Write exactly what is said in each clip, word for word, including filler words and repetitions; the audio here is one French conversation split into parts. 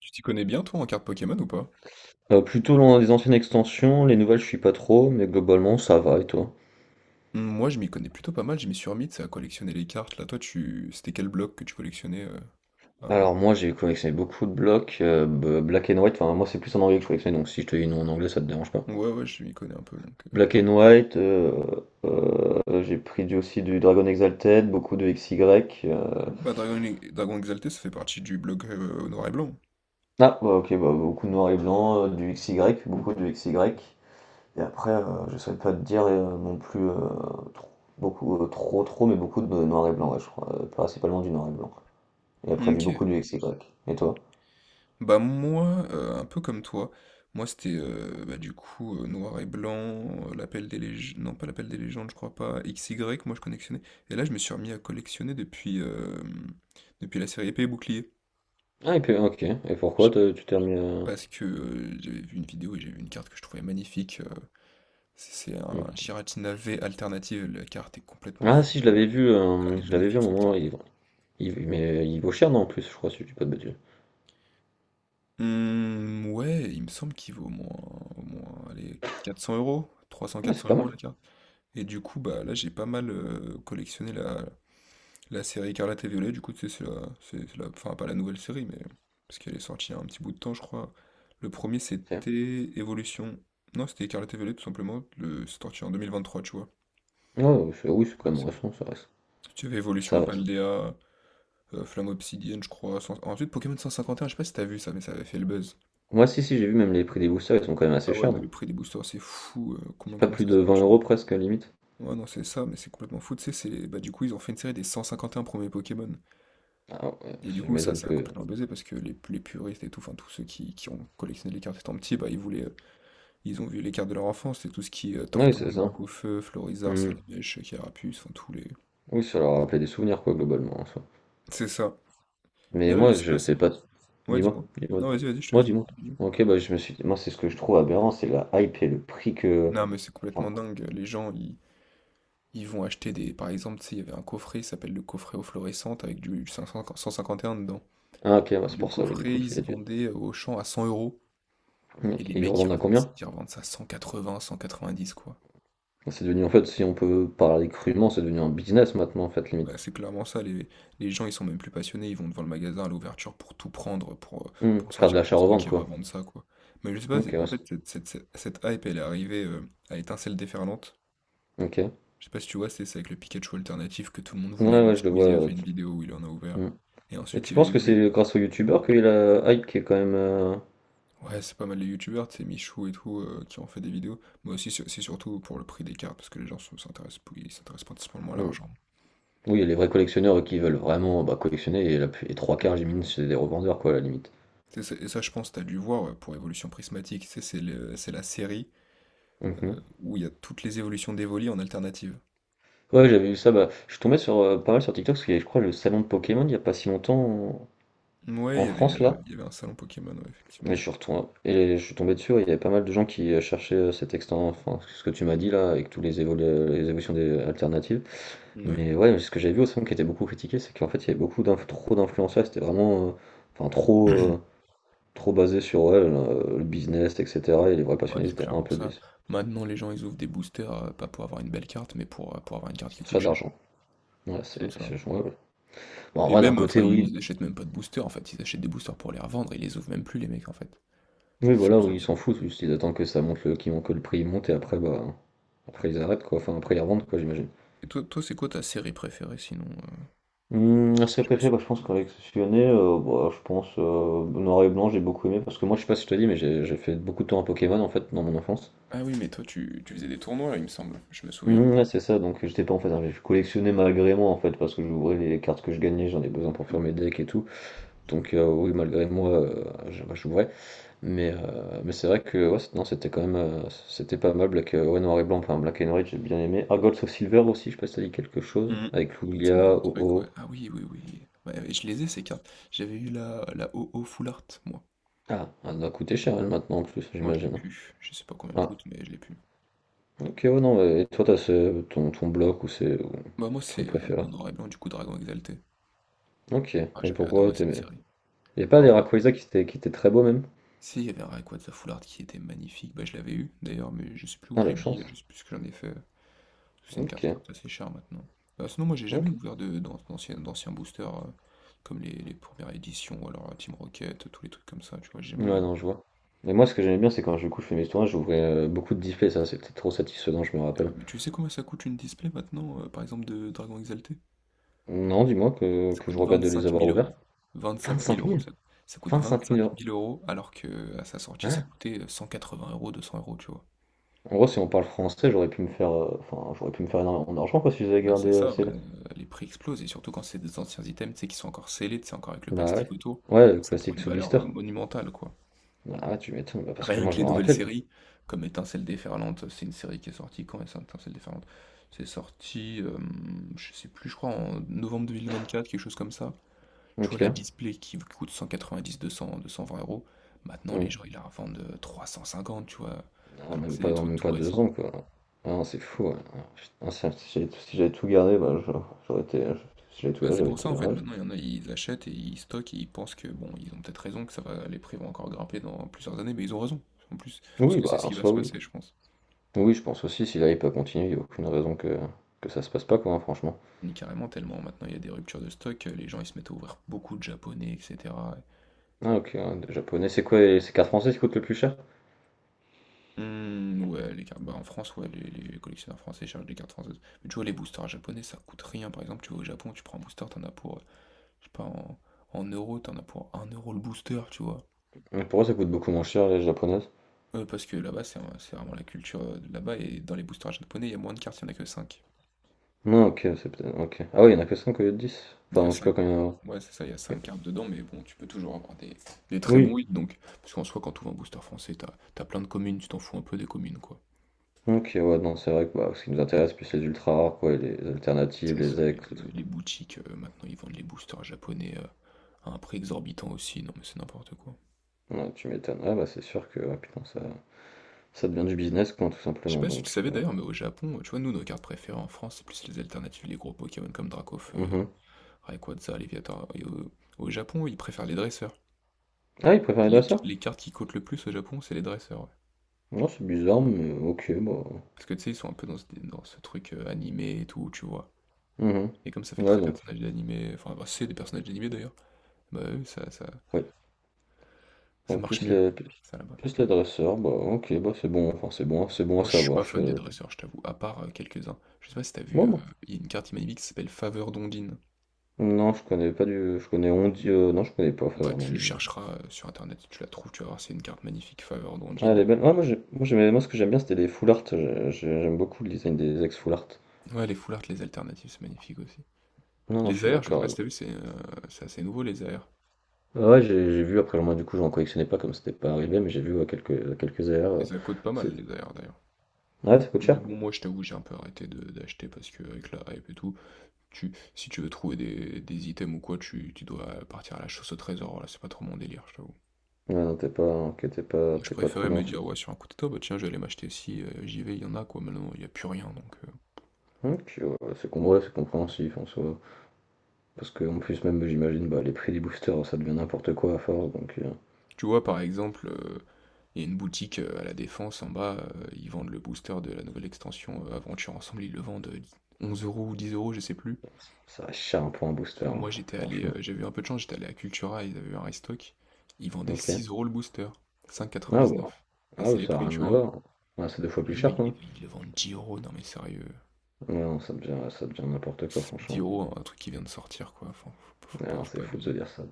Tu t'y connais bien, toi, en cartes Pokémon ou pas? Euh, plutôt loin des anciennes extensions, les nouvelles je suis pas trop, mais globalement ça va et toi? Hmm, Moi, je m'y connais plutôt pas mal, je m'y suis remis, tu sais, à collectionner les cartes. Là, toi, tu... c'était quel bloc que tu collectionnais euh, avant? Alors moi j'ai collectionné beaucoup de blocs, euh, b- Black and White, enfin moi c'est plus en anglais que je collectionne, donc si je te dis non en anglais ça te dérange pas. Ouais, ouais, je m'y connais un peu, donc... euh. Black and White, euh, euh, euh, j'ai pris du- aussi du Dragon Exalted, beaucoup de X Y. euh, Bah, Dragon, Dragon Exalté, ça fait partie du bloc euh, noir et blanc. Ah bah, ok, bah, beaucoup de noir et blanc, euh, du X Y, beaucoup de X Y. Et après euh, je saurais pas te dire euh, non plus euh, trop, beaucoup, euh, trop trop, mais beaucoup de noir et blanc, ouais, je crois, euh, principalement du noir et blanc. Et après du beaucoup Ok. du X Y. Et toi? Bah, moi, euh, un peu comme toi, moi, c'était, euh, bah, du coup, euh, noir et blanc, euh, l'appel des légendes... Non, pas l'appel des légendes, je crois pas, X Y, moi, je collectionnais. Et là, je me suis remis à collectionner depuis, euh, depuis la série Épée et Bouclier. Ah et puis OK et pourquoi te tu t'es remis à Parce que, heu, j'avais vu une vidéo et j'ai vu une carte que je trouvais magnifique, heu, c'est c'est un OK. Giratina V alternative, la carte est complètement Ah, floue. si je elle est l'avais vu, elle hem, est je l'avais vu à magnifique un cette moment. carte. Il il Mais il vaut cher, non, en plus, je crois, si je dis pas de bêtises. Mmh, ouais, il me semble qu'il vaut au moins au moins allez quatre cents €, trois cents-quatre cents euros trois Ah, cents-quatre c'est cents pas euros mal. la carte. Et du coup, bah, là, j'ai pas mal, heu, collectionné la la série Écarlate et Violet, du coup, tu sais, c'est la c'est c'est la enfin, pas la nouvelle série, mais parce qu'elle est sortie il y a un petit bout de temps, je crois. Le premier C'est c'était Évolution. Non, c'était Écarlate et Violet, tout simplement, le c'est sorti en deux mille vingt-trois, tu vois? Ouais, ouais, c'est oui c'est quand La même récent, ça reste. Tu avais Evolution Ça va ça. Paldea, euh, Flamme Obsidienne, je crois. cent- Ensuite, Pokémon cent cinquante et un, je sais pas si t'as vu ça, mais ça avait fait le buzz. Ouais, si, si j'ai vu même les prix des boosters ils sont quand même Ah assez ouais, chers, mais non? le prix des boosters, c'est fou. euh, C'est combien, pas comment plus ça de se vend, vingt tu vois? euros presque limite? Ouais, non, c'est ça, mais c'est complètement fou. Tu sais, c'est bah, du coup, ils ont fait une série des cent cinquante et un premiers Pokémon. Ah ouais, Et du ça coup, ça, m'étonne ça a que complètement buzzé parce que les, les puristes et tout, enfin, tous ceux qui, qui ont collectionné les cartes étant petits, bah, ils voulaient, euh, ils ont vu les cartes de leur enfance. Et tout ce qui est oui, c'est Tortank, ça. Dracaufeu, Florizarre, Hmm. Salamèche, Carapuce, enfin, tous les. Oui, ça leur a rappelé des souvenirs quoi, globalement en soi. C'est ça. Mais Mais là, je moi sais pas je sais si. pas. Ouais, Dis-moi, dis-moi. dis-moi. Non, vas-y, vas-y, je te Moi, laisse. ouais. dis-moi. Dis-moi. OK, bah, je me suis moi c'est ce que je trouve aberrant, c'est la hype et le prix que, Non, mais c'est complètement enfin. dingue. Les gens, ils, ils vont acheter des. Par exemple, tu sais, il y avait un coffret, il s'appelle le coffret aux fluorescentes, avec du cinq cents cent cinquante et un dedans. Ah ok, ouais, Et c'est le pour ça, ouais, du coup, coffret, il qu'il a se dû. vendait au champ à cent euros. Et Ok. les Et ils le mecs, ils revendent à revendent, combien? ils revendent ça à cent quatre-vingts, cent quatre-vingt-dix, quoi. Bah, c'est devenu, en fait, si on peut parler crûment, c'est devenu un business maintenant, en fait, limite. Bah, c'est clairement ça. Les, les gens, ils sont même plus passionnés. Ils vont devant le magasin à l'ouverture pour tout prendre, pour, euh, Hmm. pour Faire de sortir tout le stock l'achat-revente, et quoi. revendre ça, quoi. Mais je sais pas, Ok, c'est- en ouais, c'est- fait, cette, cette- cette- cette hype, elle est arrivée euh, à étincelle déferlante. ok. Je sais pas si tu vois, c'est ça avec le Pikachu alternatif que tout le monde voulait. Ouais, Même ouais, je le vois. Squeezie a fait euh, tu- une vidéo où il en a ouvert. Hmm. Et Et ensuite, tu il y a eu penses que Evolu. c'est grâce aux youtubeurs qu'il y a la hype qui est quand même? euh, Ouais, c'est pas mal les youtubeurs, c'est Michou et tout, euh, qui ont fait des vidéos. Mais aussi, sur- c'est surtout pour le prix des cartes, parce que les gens sont- s'intéressent ils s'intéressent principalement à Hmm. l'argent. Oui, il y a les vrais collectionneurs qui veulent vraiment, bah, collectionner, et, la... plus- et trois Hmm. quarts, j'imagine, c'est des revendeurs, quoi, à la limite. C'est ça- Et ça, je pense, t'as dû voir ouais, pour Évolution Prismatique. Tu sais, c'est le- c'est la série euh, Mhm. où il y a toutes les évolutions d'Evoli en alternative. Ouais, j'avais vu ça, bah, je suis tombé sur, euh, pas mal sur TikTok, parce qu'il y avait, je crois, le salon de Pokémon il y a pas si longtemps en, Ouais, il en y avait, France, là. euh, il y avait un salon Pokémon, ouais, Et je effectivement. Suis retourné- et je suis tombé dessus, ouais, il y avait pas mal de gens qui euh, cherchaient euh, cet extant, enfin ce que tu m'as dit là, avec tous les, évo- les évolutions des alternatives. Ouais. Mais ouais, ce que j'ai vu aussi, qui était beaucoup critiqué, c'est qu'en fait il y avait beaucoup d'inf- trop d'influenceurs, c'était vraiment euh, enfin trop, euh, trop basé sur ouais, le, le business, et cetera. Et les vrais Ouais, passionnés ils c'est étaient un clairement peu ça. déçus. Maintenant, les gens, ils ouvrent des boosters, heu, pas pour avoir une belle carte, mais pour, heu, pour avoir une carte qui Pour se coûte faire de cher. l'argent. Ouais, C'est c'est, ça. c'est- ouais, ouais. Bon, en Et vrai, d'un même, enfin, côté, oui, ils achètent même pas de boosters, en fait, ils achètent des boosters pour les revendre, ils les ouvrent même plus les mecs, en fait. oui, C'est ça voilà, le oui, ils souci. s'en foutent, juste ils attendent que ça monte, le, qu'ils- que le prix monte et après, bah, après ils arrêtent quoi, enfin après ils revendent quoi, j'imagine. Et toi toi, c'est quoi ta série préférée sinon, heu? Hum, serait Je me préféré, suis bah, je pense collectionner, euh, bah, je pense euh, noir et blanc, j'ai beaucoup aimé parce que moi, je sais pas si je te dis, mais j'ai j'ai fait beaucoup de temps à Pokémon en fait dans mon enfance. Ah oui, mais toi, tu tu faisais des tournois, il me semble, je me souviens. Hum, ouais, c'est ça, donc j'étais pas en fait, hein, je collectionnais malgré moi en fait parce que j'ouvrais les cartes que je gagnais, j'en ai besoin pour faire mes decks et tout. Donc euh, oui, malgré moi, euh, je- bah, j'ouvrais, mais euh, mais c'est vrai que ouais, c'est- non, c'était quand même euh, c'était pas mal Black, euh, ouais, noir et blanc, enfin Black and White, j'ai bien aimé. Ah, Gold of Silver aussi, je sais pas si ça dit quelque chose, Mmh. avec Ça me dit Lugia, un Oh truc, ouais. Oh. Ah oui, oui, oui. Ouais, ouais, je les ai ces cartes. J'avais eu la la o o Full Art, moi. Ah, elle doit coûter cher elle maintenant, en plus, Moi, je l'ai j'imagine, hein. plus. Je sais pas combien elle Ah, coûte, mais je l'ai plus. ok, ouais, non, et toi, t'as ce- ton, ton bloc ou c'est ou Bah, moi, truc c'est, heu, préféré. dans Noir et Blanc, du coup, Dragon Exalté. Ok, Ah, et j'avais pourquoi adoré cette t'aimais? série. Y a pas En des fait, Rayquaza qui étaient, qui étaient très beaux même? si, il y avait un Rayquaza foulard qui était magnifique. Bah, je l'avais eu, d'ailleurs, mais je sais plus où Ah, je l'ai la mis, chance. je sais plus ce que j'en ai fait. Parce que C'est une carte Ok, qui coûte assez cher maintenant. Bah, sinon, moi, j'ai jamais ok. ouvert de, d'an- d'anciens, d'anciens boosters, euh, comme les, les premières éditions, ou alors euh, Team Rocket, tous les trucs comme ça, tu vois, j'ai jamais Ouais, ouvert. non, je vois. Mais moi, ce que j'aimais bien, c'est quand je du coup, je fais mes tournages, j'ouvrais euh, beaucoup de displays, ça, c'était trop satisfaisant, je me Euh, rappelle. Mais tu sais combien ça coûte une display maintenant, euh, par exemple, de Dragon Exalté? Non, dis-moi que, Ça que je coûte regrette de les vingt-cinq avoir mille ouverts. euros. Vingt-cinq mille Vingt-cinq euros, mille. ça, ça coûte Vingt-cinq mille vingt-cinq euros. mille euros, alors que à sa sortie, ça Hein? coûtait euh, cent quatre-vingts euros, deux cents euros, tu vois. En gros, si on parle français, j'aurais pu me faire, euh, enfin, j'aurais pu me faire énormément d'argent, quoi, si j'avais Bah, gardé c'est euh, ça, ouais, ces... heu, les prix explosent et surtout quand c'est des anciens items, tu sais, qui sont encore scellés, tu sais, encore avec le Bah plastique ouais. autour, Ouais, le ça prend classique une sous valeur, blister. heu, monumentale, quoi. Ah, tu m'étonnes, bah, parce que Rien moi, que je les me nouvelles rappelle. séries, comme Étincelles déferlantes, c'est une série qui est sortie quand Étin Étincelles déferlantes? C'est sorti, hem, je sais plus, je crois en novembre deux mille vingt-quatre, quelque chose comme ça. Tu vois OK. la Display qui v coûte cent quatre-vingt-dix deux cents-deux cent vingt euros, maintenant les Mmh. gens ils la revendent, heu, trois cent cinquante, tu vois? Ah, Alors que même c'est pas, des trucs même tout pas deux récents. ans, quoi. Ah non, c'est fou, ouais. Ah putain, si si j'avais tout si j'avais tout gardé, bah, je j'aurais été je si j'avais tout Bah, gardé, c'est j'avais pour ça été en leur fait, âge. maintenant il y en a, ils achètent et ils stockent et ils pensent que bon, ils ont peut-être raison, que ça va, les prix vont encore grimper dans plusieurs années, mais ils ont raison, en plus, parce Oui, que c'est bah, ce en qui va soi, se oui. passer, je pense. Oui, je pense aussi, si là, il peut continuer, il y a aucune raison que que ça se passe pas, quoi, hein, franchement. Ni carrément tellement, maintenant il y a des ruptures de stock, euh, les gens ils se mettent à ouvrir beaucoup de japonais, et cetera. Ah OK, ouais, des japonais, c'est quoi les ces cartes françaises qui coûtent le plus cher? Hmm, ouais, les cartes, bah en France, ouais, les, les collectionneurs français cherchent des cartes françaises. Mais tu vois, les boosters japonais, ça coûte rien, par exemple, tu vas au Japon, tu prends un booster, t'en as pour, euh, je sais pas, en, en euros, t'en as pour un euro le booster, tu vois. Mais pourquoi ça coûte beaucoup moins cher, les japonaises? Euh, parce que là-bas, c'est c'est vraiment la culture euh, de là-bas. Et dans les boosters japonais, il y a moins de cartes, il n'y en a que cinq. Non OK, c'est peut-être OK. Ah oui, il y en a que cinq au lieu de dix? Il y a Enfin, je sais pas cinq. combien il. Ouais, c'est ça, il y a cinq cartes dedans, mais bon, tu peux toujours avoir des, des très Oui. bons hits. Donc, parce qu'en soi, quand tu ouvres un booster français, t'as, t'as plein de communes, tu t'en fous un peu des communes, quoi. OK, ouais, non, c'est vrai que, bah, ce qui nous intéresse, plus les ultra rares, quoi, et les alternatives, C'est les ça. Et ex, les les boutiques, euh, maintenant, ils vendent les boosters japonais euh, à un prix exorbitant aussi. Non, mais c'est n'importe quoi. Ouais, tu m'étonnes. Ah bah, c'est sûr que, ah putain, ça, ça devient du business quoi, tout Je sais simplement, pas si tu le donc. savais euh, d'ailleurs, mais au Japon, tu vois, nous, nos cartes préférées en France, c'est plus les alternatives, les gros Pokémon comme Dracofeu, Mhm. Rayquaza, Léviathan. Et au, au Japon, ils préfèrent les dresseurs. Ah il préférait de Les, ça? Les cartes qui coûtent le plus au Japon, c'est les dresseurs. ouais. Non, c'est bizarre, mais ok bah. Parce que tu sais, ils sont un peu dans ce, dans ce truc euh, animé et tout, tu vois. Mhm. Et comme ça fait Ouais très donc personnage d'animé, enfin, bah, c'est des personnages d'animé d'ailleurs, bah oui, ça, ça, ouais. ça Donc marche plus mieux, les plus, ça là-bas. plus les dresseurs, bah ok, bah c'est bon, enfin c'est bon, c'est bon à Moi, je suis savoir. pas fan des Je... dresseurs, je t'avoue, à part euh, quelques-uns. Je sais pas si t'as vu, Bon, euh, bon. il y a une carte magnifique qui s'appelle Faveur d'Ondine. Non, je connais pas du. Je connais Ondi, euh, non je connais pas Bah, Faveur, non, tu non. chercheras euh, sur internet, tu la trouves, tu vas voir, c'est une carte magnifique, Faveur Ah elle d'Ondine. est belle. Ah, moi j'ai- moi, j'aimais moi ce que j'aime bien c'était les full art. J'ai- j'ai- J'aime beaucoup le design des ex full art. Ouais, les full art, les alternatives, c'est magnifique aussi. Non non, je Les suis A R, je sais pas d'accord. si t'as vu, c'est euh, c'est assez nouveau, les A R. Ah ouais, j'ai j'ai vu, après moi du coup j'en collectionnais pas comme c'était pas arrivé, mais j'ai vu ouais, quelques, quelques A R. Et euh, ça coûte pas mal, c'est... les A R, d'ailleurs. Ouais, ça coûte Mais cher? bon, moi, je t'avoue, j'ai un peu arrêté de- d'acheter parce que avec la hype et tout, tu, si tu veux trouver des, des items ou quoi, tu, tu dois partir à la chasse au trésor. Là, c'est pas trop mon délire, je t'avoue. Ouais, non, t'es pas, ok, t'es pas, Je t'es pas trop préférais dans me ça. dire, ouais, sur un coup de tête, bah tiens, je vais aller m'acheter si euh, j'y vais, il y en a quoi. Maintenant, il y a plus rien. Donc, euh. Ok, ouais, c'est com- ouais, c'est compréhensif en soi. Parce que en plus même j'imagine, bah, les prix des boosters ça devient n'importe quoi à force, donc euh, Tu vois, par exemple, euh, il y a une boutique euh, à la Défense en bas, euh, ils vendent le booster de la nouvelle extension euh, Aventure Ensemble, ils le vendent euh, onze euros ou dix euros, je sais plus. ça reste cher un peu un booster, Et hein, moi, fr- j'étais allé, franchement. euh, j'avais eu un peu de chance, j'étais allé à Cultura, ils avaient eu un restock. Ils vendaient Ok. six euros le booster, cinq Ah ouais. quatre-vingt-dix-neuf, Et Ah c'est oui, les ça a prix, rien tu à vois. voir. Ah, c'est deux fois plus Et eux, cher ils, quoi. ils le vendent dix euros, non mais sérieux. Ouais, non, ça devient, ça devient n'importe quoi Dix franchement. euros, un truc qui vient de sortir, quoi. Enfin, faut, pas- faut Ouais, pas, non, faut c'est pas fou de se abuser. dire ça.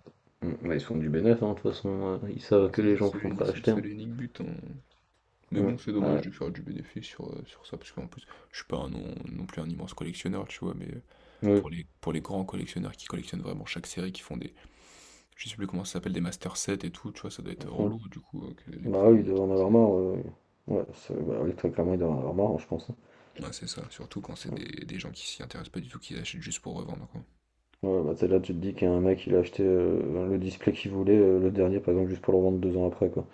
Mm, ouais, ils font du bénéfice, hein, de toute façon, euh, ils Ouais, savent que c'est les ça, gens c'est sont l'uni- prêts à c'est le acheter. seul et unique but. hein. Mais Mm. bon, c'est Ah dommage ouais. de faire du bénéfice sur, euh, sur ça, parce qu'en plus, je suis pas un non, non plus un immense collectionneur, tu vois, mais euh, Oui. pour les, pour les grands collectionneurs qui collectionnent vraiment chaque série, qui font des, je sais plus comment ça s'appelle, des master sets et tout, tu vois, ça doit être Mhm. relou, du coup, euh, que les Bah prix oui, il montent doit en comme avoir ça. marre. Ouais, ouais. Ouais, c'est- bah oui, très clairement, il doit en avoir marre, je pense. Ouais, c'est ça, surtout quand c'est des, des gens qui s'y intéressent pas du tout, qui achètent juste pour revendre, quoi. Ouais, bah t'sais, là, tu te dis qu'un mec, il a acheté euh, le display qu'il voulait, euh, le dernier, par exemple, juste pour le revendre deux ans après, quoi.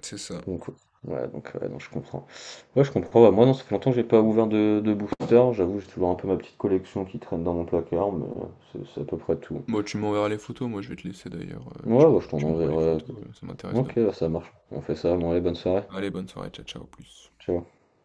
C'est ça. Donc, ouais, donc, ouais, non, je comprends. Ouais, je comprends. Bah, moi, non, ça fait longtemps que j'ai pas ouvert de, de booster. J'avoue, j'ai toujours un peu ma petite collection qui traîne dans mon placard, mais euh, c'est c'est à peu près tout. Moi, tu m'enverras les photos, moi je vais te laisser d'ailleurs, euh, tu, Ouais, bah, m- je t'en tu m'envoies les enverrai. photos, euh, ça m'intéresse de Ok, voir. bah, ça marche. On fait ça. Bon, allez, bonne soirée. ça. Allez, bonne soirée, ciao, ciao, au plus. Ciao.